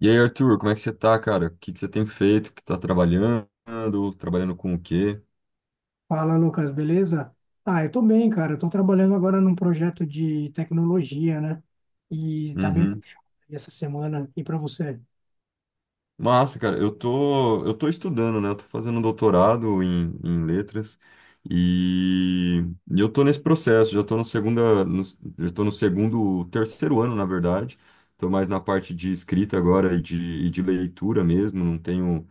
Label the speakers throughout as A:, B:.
A: E aí, Arthur, como é que você tá, cara? O que que você tem feito? Que tá trabalhando? Trabalhando com o quê?
B: Fala, Lucas, beleza? Ah, eu tô bem, cara. Eu tô trabalhando agora num projeto de tecnologia, né? E tá bem
A: Uhum.
B: puxado aí essa semana. E para você?
A: Massa, cara, eu tô estudando, né? Eu tô fazendo um doutorado em letras e, e eu tô nesse processo, já tô no segundo, terceiro ano, na verdade. Tô mais na parte de escrita agora e de leitura mesmo, não tenho.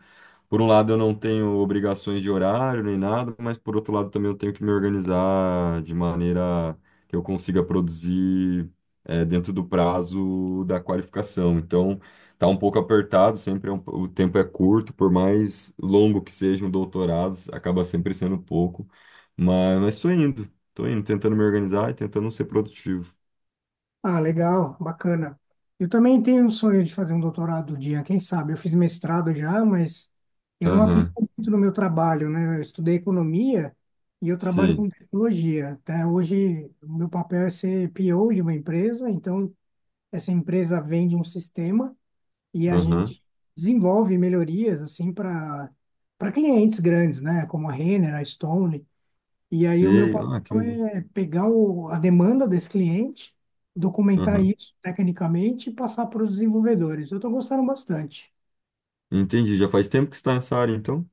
A: Por um lado, eu não tenho obrigações de horário nem nada, mas por outro lado, também eu tenho que me organizar de maneira que eu consiga produzir dentro do prazo da qualificação. Então, tá um pouco apertado, sempre o tempo é curto, por mais longo que seja um doutorado acaba sempre sendo pouco. Mas estou indo, tentando me organizar e tentando ser produtivo.
B: Ah, legal, bacana. Eu também tenho um sonho de fazer um doutorado um dia, quem sabe? Eu fiz mestrado já, mas eu não
A: Aham,
B: aplico muito no meu trabalho, né? Eu estudei economia e eu trabalho
A: sei,
B: com tecnologia. Até hoje, o meu papel é ser PO de uma empresa, então essa empresa vende um sistema. E a
A: aham,
B: gente desenvolve melhorias assim para clientes grandes, né, como a Renner, a Stone. E aí o meu
A: sei, ah, que
B: papel
A: legal.
B: é pegar a demanda desse cliente, documentar
A: Aham,
B: isso tecnicamente e passar para os desenvolvedores. Eu estou gostando bastante.
A: entendi. Já faz tempo que você está nessa área, então?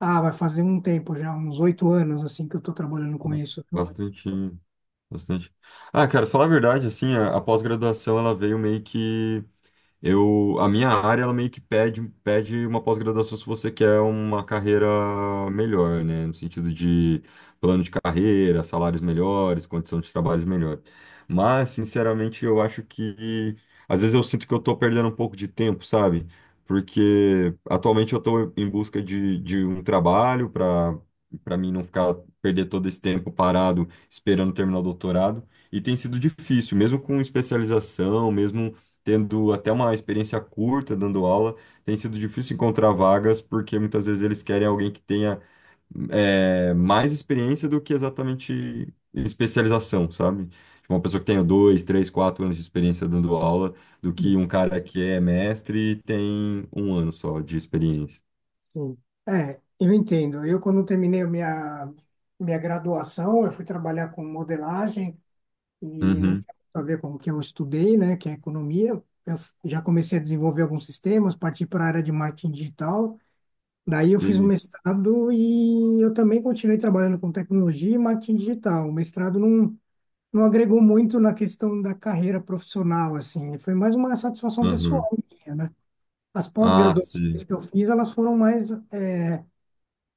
B: Ah, vai fazer um tempo já, uns 8 anos assim que eu estou trabalhando com isso, viu?
A: Bastante, bastante. Ah, cara, falar a verdade, assim, a pós-graduação ela veio meio que eu, a minha área, ela meio que pede uma pós-graduação se você quer uma carreira melhor, né? No sentido de plano de carreira, salários melhores, condição de trabalho melhor. Mas, sinceramente, eu acho que... Às vezes eu sinto que eu tô perdendo um pouco de tempo, sabe? Porque atualmente eu tô em busca de um trabalho para para mim não ficar perder todo esse tempo parado esperando terminar o doutorado. E tem sido difícil, mesmo com especialização, mesmo tendo até uma experiência curta dando aula, tem sido difícil encontrar vagas, porque muitas vezes eles querem alguém que tenha mais experiência do que exatamente especialização, sabe? Tipo, uma pessoa que tenha dois, três, quatro anos de experiência dando aula, do que um cara que é mestre e tem um ano só de experiência.
B: Sim. É, eu entendo. Eu quando terminei a minha graduação, eu fui trabalhar com modelagem e não
A: Uhum.
B: tinha muito a ver com o que eu estudei, né, que é economia. Já comecei a desenvolver alguns sistemas, parti para a área de marketing digital. Daí eu fiz um
A: Sim.
B: mestrado e eu também continuei trabalhando com tecnologia e marketing digital. O mestrado não agregou muito na questão da carreira profissional, assim, foi mais uma satisfação pessoal
A: Uhum.
B: minha, né? As
A: Ah,
B: pós-graduações
A: sim.
B: que eu fiz, elas foram mais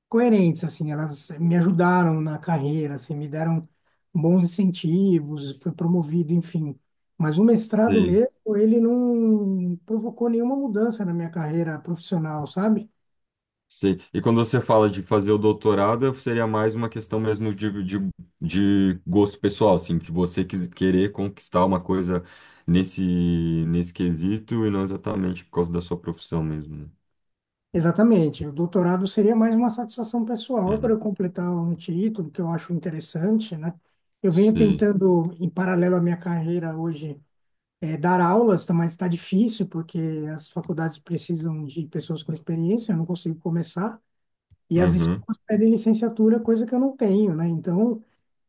B: coerentes, assim, elas me ajudaram na carreira, assim, me deram bons incentivos, fui promovido, enfim. Mas o mestrado
A: Sim.
B: mesmo, ele não provocou nenhuma mudança na minha carreira profissional, sabe?
A: Sim. E quando você fala de fazer o doutorado, seria mais uma questão mesmo de gosto pessoal, assim, de querer conquistar uma coisa nesse, nesse quesito e não exatamente por causa da sua profissão mesmo, né?
B: Exatamente. O doutorado seria mais uma satisfação pessoal para eu
A: Uhum.
B: completar um título que eu acho interessante, né? Eu venho
A: Sim.
B: tentando, em paralelo à minha carreira hoje, dar aulas, mas está difícil porque as faculdades precisam de pessoas com experiência, eu não consigo começar. E as
A: Uhum.
B: escolas pedem licenciatura, coisa que eu não tenho, né? Então,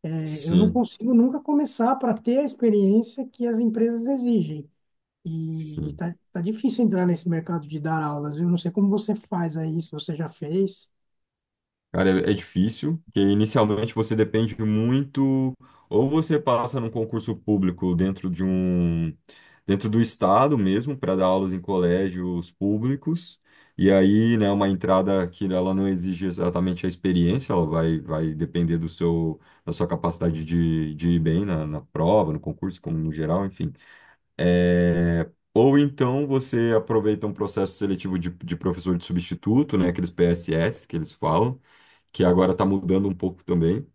B: eu não
A: Sim.
B: consigo nunca começar para ter a experiência que as empresas exigem. E, e
A: Sim.
B: tá, tá difícil entrar nesse mercado de dar aulas. Eu não sei como você faz aí, se você já fez.
A: Cara, é difícil, que inicialmente você depende muito, ou você passa num concurso público dentro do estado mesmo, para dar aulas em colégios públicos, e aí, né, uma entrada que ela não exige exatamente a experiência, vai depender do seu, da sua capacidade de ir bem na prova, no concurso, como no geral, enfim. É, ou então você aproveita um processo seletivo de professor de substituto, né, aqueles PSS que eles falam, que agora está mudando um pouco também.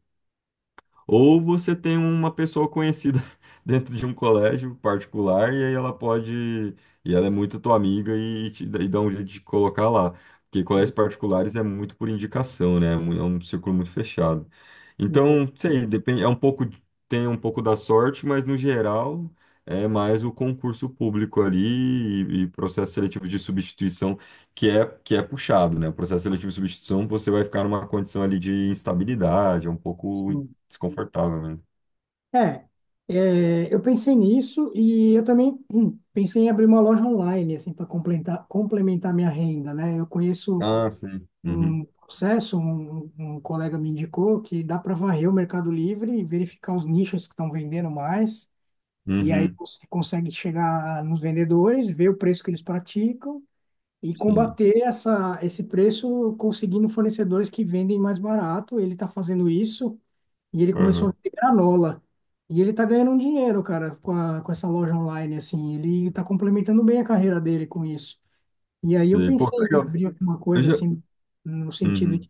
A: Ou você tem uma pessoa conhecida dentro de um colégio particular e aí ela pode, e ela é muito tua amiga e dá um jeito de colocar lá. Porque
B: Eu
A: colégios particulares é muito por indicação, né? É um círculo muito fechado.
B: entendo,
A: Então, sei, depende, é um pouco, tem um pouco da sorte, mas no geral é mais o concurso público ali e processo seletivo de substituição que é puxado, né? O processo seletivo de substituição você vai ficar numa condição ali de instabilidade, é um pouco
B: sim.
A: desconfortável mesmo.
B: É, eu pensei nisso e eu também pensei em abrir uma loja online, assim, para complementar minha renda, né? Eu conheço
A: Ah, sim. Uhum.
B: um colega me indicou que dá para varrer o Mercado Livre e verificar os nichos que estão vendendo mais. E aí
A: Uhum.
B: você consegue chegar nos vendedores, ver o preço que eles praticam e
A: Sim.
B: combater esse preço conseguindo fornecedores que vendem mais barato. Ele está fazendo isso e ele começou a
A: Uhum.
B: vender granola. E ele está ganhando um dinheiro, cara, com essa loja online, assim. Ele está complementando bem a carreira dele com isso. E aí eu
A: Sim. Pô,
B: pensei
A: que
B: em
A: legal.
B: abrir alguma
A: Eu
B: coisa
A: já...
B: assim, no sentido,
A: Uhum.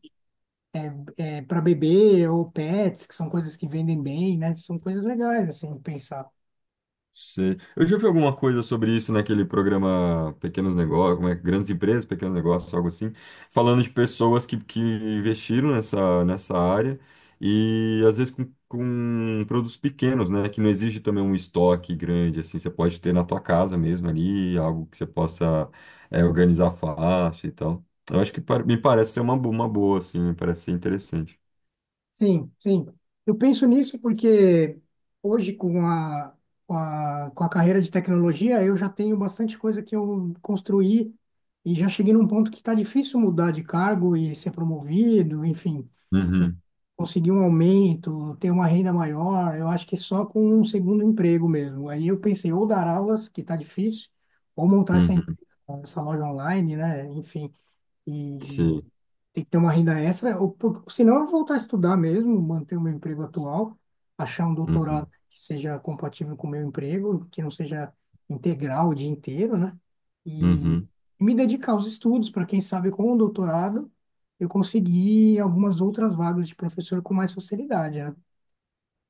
B: para bebê ou pets, que são coisas que vendem bem, né? São coisas legais, assim, pensar.
A: Sei. Eu já vi alguma coisa sobre isso naquele programa Pequenos Negócios, como é, Grandes Empresas, Pequenos Negócios, algo assim, falando de pessoas que investiram nessa área e às vezes com produtos pequenos, né, que não exige também um estoque grande, assim, você pode ter na tua casa mesmo ali, algo que você possa organizar fácil e tal. Eu acho que me parece ser uma, uma boa, assim, me parece ser interessante.
B: Sim, sim. Eu penso nisso porque hoje, com a carreira de tecnologia, eu já tenho bastante coisa que eu construí e já cheguei num ponto que está difícil mudar de cargo e ser promovido, enfim.
A: Uhum,
B: Conseguir um aumento, ter uma renda maior, eu acho que só com um segundo emprego mesmo. Aí eu pensei ou dar aulas, que está difícil, ou montar essa empresa,
A: uhum,
B: essa loja online, né? Enfim, e
A: sim,
B: tem que ter uma renda extra, ou por, senão eu vou voltar a estudar mesmo, manter o meu emprego atual, achar um doutorado
A: uhum,
B: que seja compatível com o meu emprego, que não seja integral o dia inteiro, né? E
A: uhum.
B: me dedicar aos estudos, para quem sabe com o doutorado eu conseguir algumas outras vagas de professor com mais facilidade, né?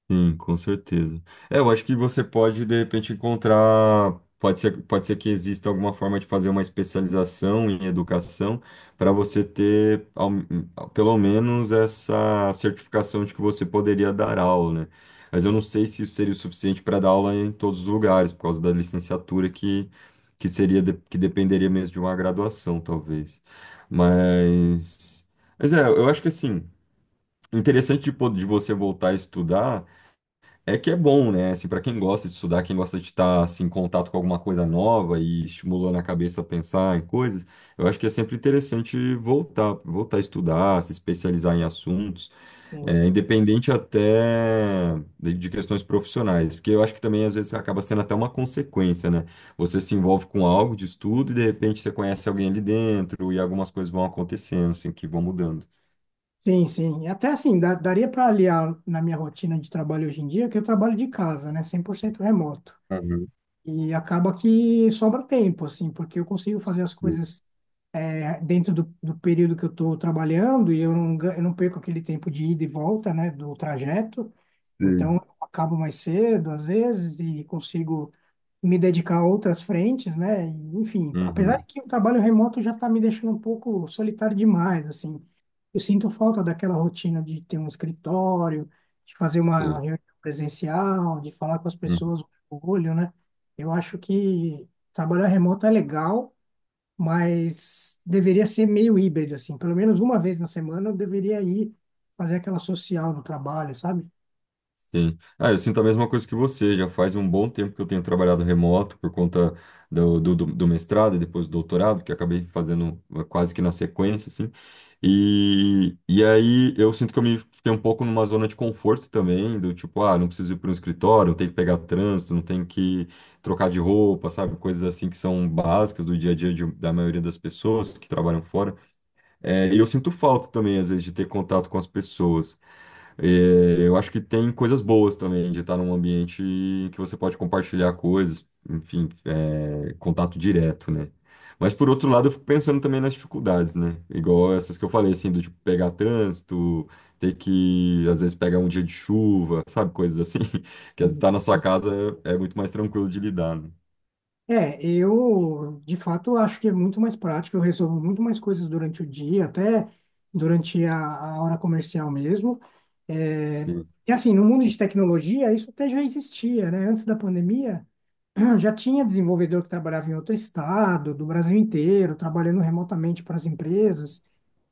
A: Sim, com certeza. É, eu acho que você pode, de repente, encontrar. Pode ser que exista alguma forma de fazer uma especialização em educação para você ter, pelo menos, essa certificação de que você poderia dar aula, né? Mas eu não sei se isso seria o suficiente para dar aula em todos os lugares, por causa da licenciatura que seria, que dependeria mesmo de uma graduação, talvez. Mas, mas é, eu acho que assim, interessante de, de você voltar a estudar. É que é bom, né? Assim, para quem gosta de estudar, quem gosta de estar assim, em contato com alguma coisa nova e estimulando a cabeça a pensar em coisas, eu acho que é sempre interessante voltar a estudar, se especializar em assuntos,
B: Sim,
A: é, independente até de questões profissionais, porque eu acho que também às vezes acaba sendo até uma consequência, né? Você se envolve com algo de estudo e de repente você conhece alguém ali dentro e algumas coisas vão acontecendo, assim, que vão mudando.
B: sim, sim. E até assim, daria para aliar na minha rotina de trabalho hoje em dia, que eu trabalho de casa, né? 100% remoto.
A: Uhum.
B: E acaba que sobra tempo, assim, porque eu consigo fazer as coisas, dentro do período que eu estou trabalhando e eu eu não perco aquele tempo de ida e volta, né, do trajeto.
A: Sei.
B: Então, eu acabo mais cedo, às vezes, e consigo me dedicar a outras frentes, né? Enfim, apesar de
A: Uhum.
B: que o trabalho remoto já está me deixando um pouco solitário demais, assim. Eu sinto falta daquela rotina de ter um escritório, de fazer uma
A: Sei.
B: reunião presencial, de falar com as pessoas no olho, né? Eu acho que trabalhar remoto é legal, mas deveria ser meio híbrido, assim. Pelo menos uma vez na semana eu deveria ir fazer aquela social no trabalho, sabe?
A: Sim. Ah, eu sinto a mesma coisa que você. Já faz um bom tempo que eu tenho trabalhado remoto por conta do mestrado e depois do doutorado, que eu acabei fazendo quase que na sequência, assim. E aí eu sinto que eu me fiquei um pouco numa zona de conforto também, do tipo, ah, não preciso ir para um escritório, não tenho que pegar trânsito, não tenho que trocar de roupa, sabe? Coisas assim que são básicas do dia a dia da maioria das pessoas que trabalham fora. É, e eu sinto falta também, às vezes, de ter contato com as pessoas. É, eu acho que tem coisas boas também de estar num ambiente que você pode compartilhar coisas, enfim, é, contato direto, né? Mas por outro lado, eu fico pensando também nas dificuldades, né? Igual essas que eu falei, assim, do tipo pegar trânsito, ter que, às vezes, pegar um dia de chuva, sabe? Coisas assim, que estar na sua casa é muito mais tranquilo de lidar, né?
B: É, eu de fato acho que é muito mais prático, eu resolvo muito mais coisas durante o dia, até durante a hora comercial mesmo. É,
A: Sim,
B: e assim, no mundo de tecnologia, isso até já existia, né? Antes da pandemia, já tinha desenvolvedor que trabalhava em outro estado, do Brasil inteiro, trabalhando remotamente para as empresas.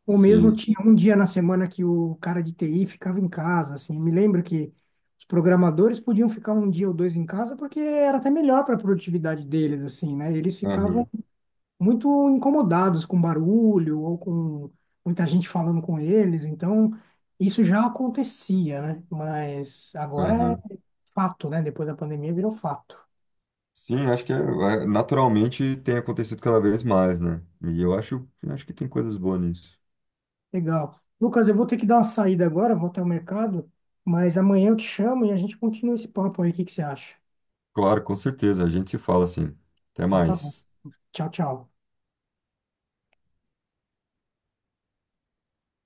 B: Ou mesmo
A: sim.
B: tinha um dia na semana que o cara de TI ficava em casa, assim. Me lembro que os programadores podiam ficar um dia ou dois em casa porque era até melhor para a produtividade deles, assim, né? Eles ficavam
A: Aham,
B: muito incomodados com barulho ou com muita gente falando com eles, então isso já acontecia, né? Mas agora é
A: aham.
B: fato, né? Depois da pandemia virou fato.
A: Sim, acho que naturalmente tem acontecido cada vez mais, né? E acho que tem coisas boas nisso.
B: Legal. Lucas, eu vou ter que dar uma saída agora, vou até o mercado, mas amanhã eu te chamo e a gente continua esse papo aí, o que que você acha?
A: Claro, com certeza. A gente se fala assim. Até
B: Então tá bom.
A: mais.
B: Tchau, tchau.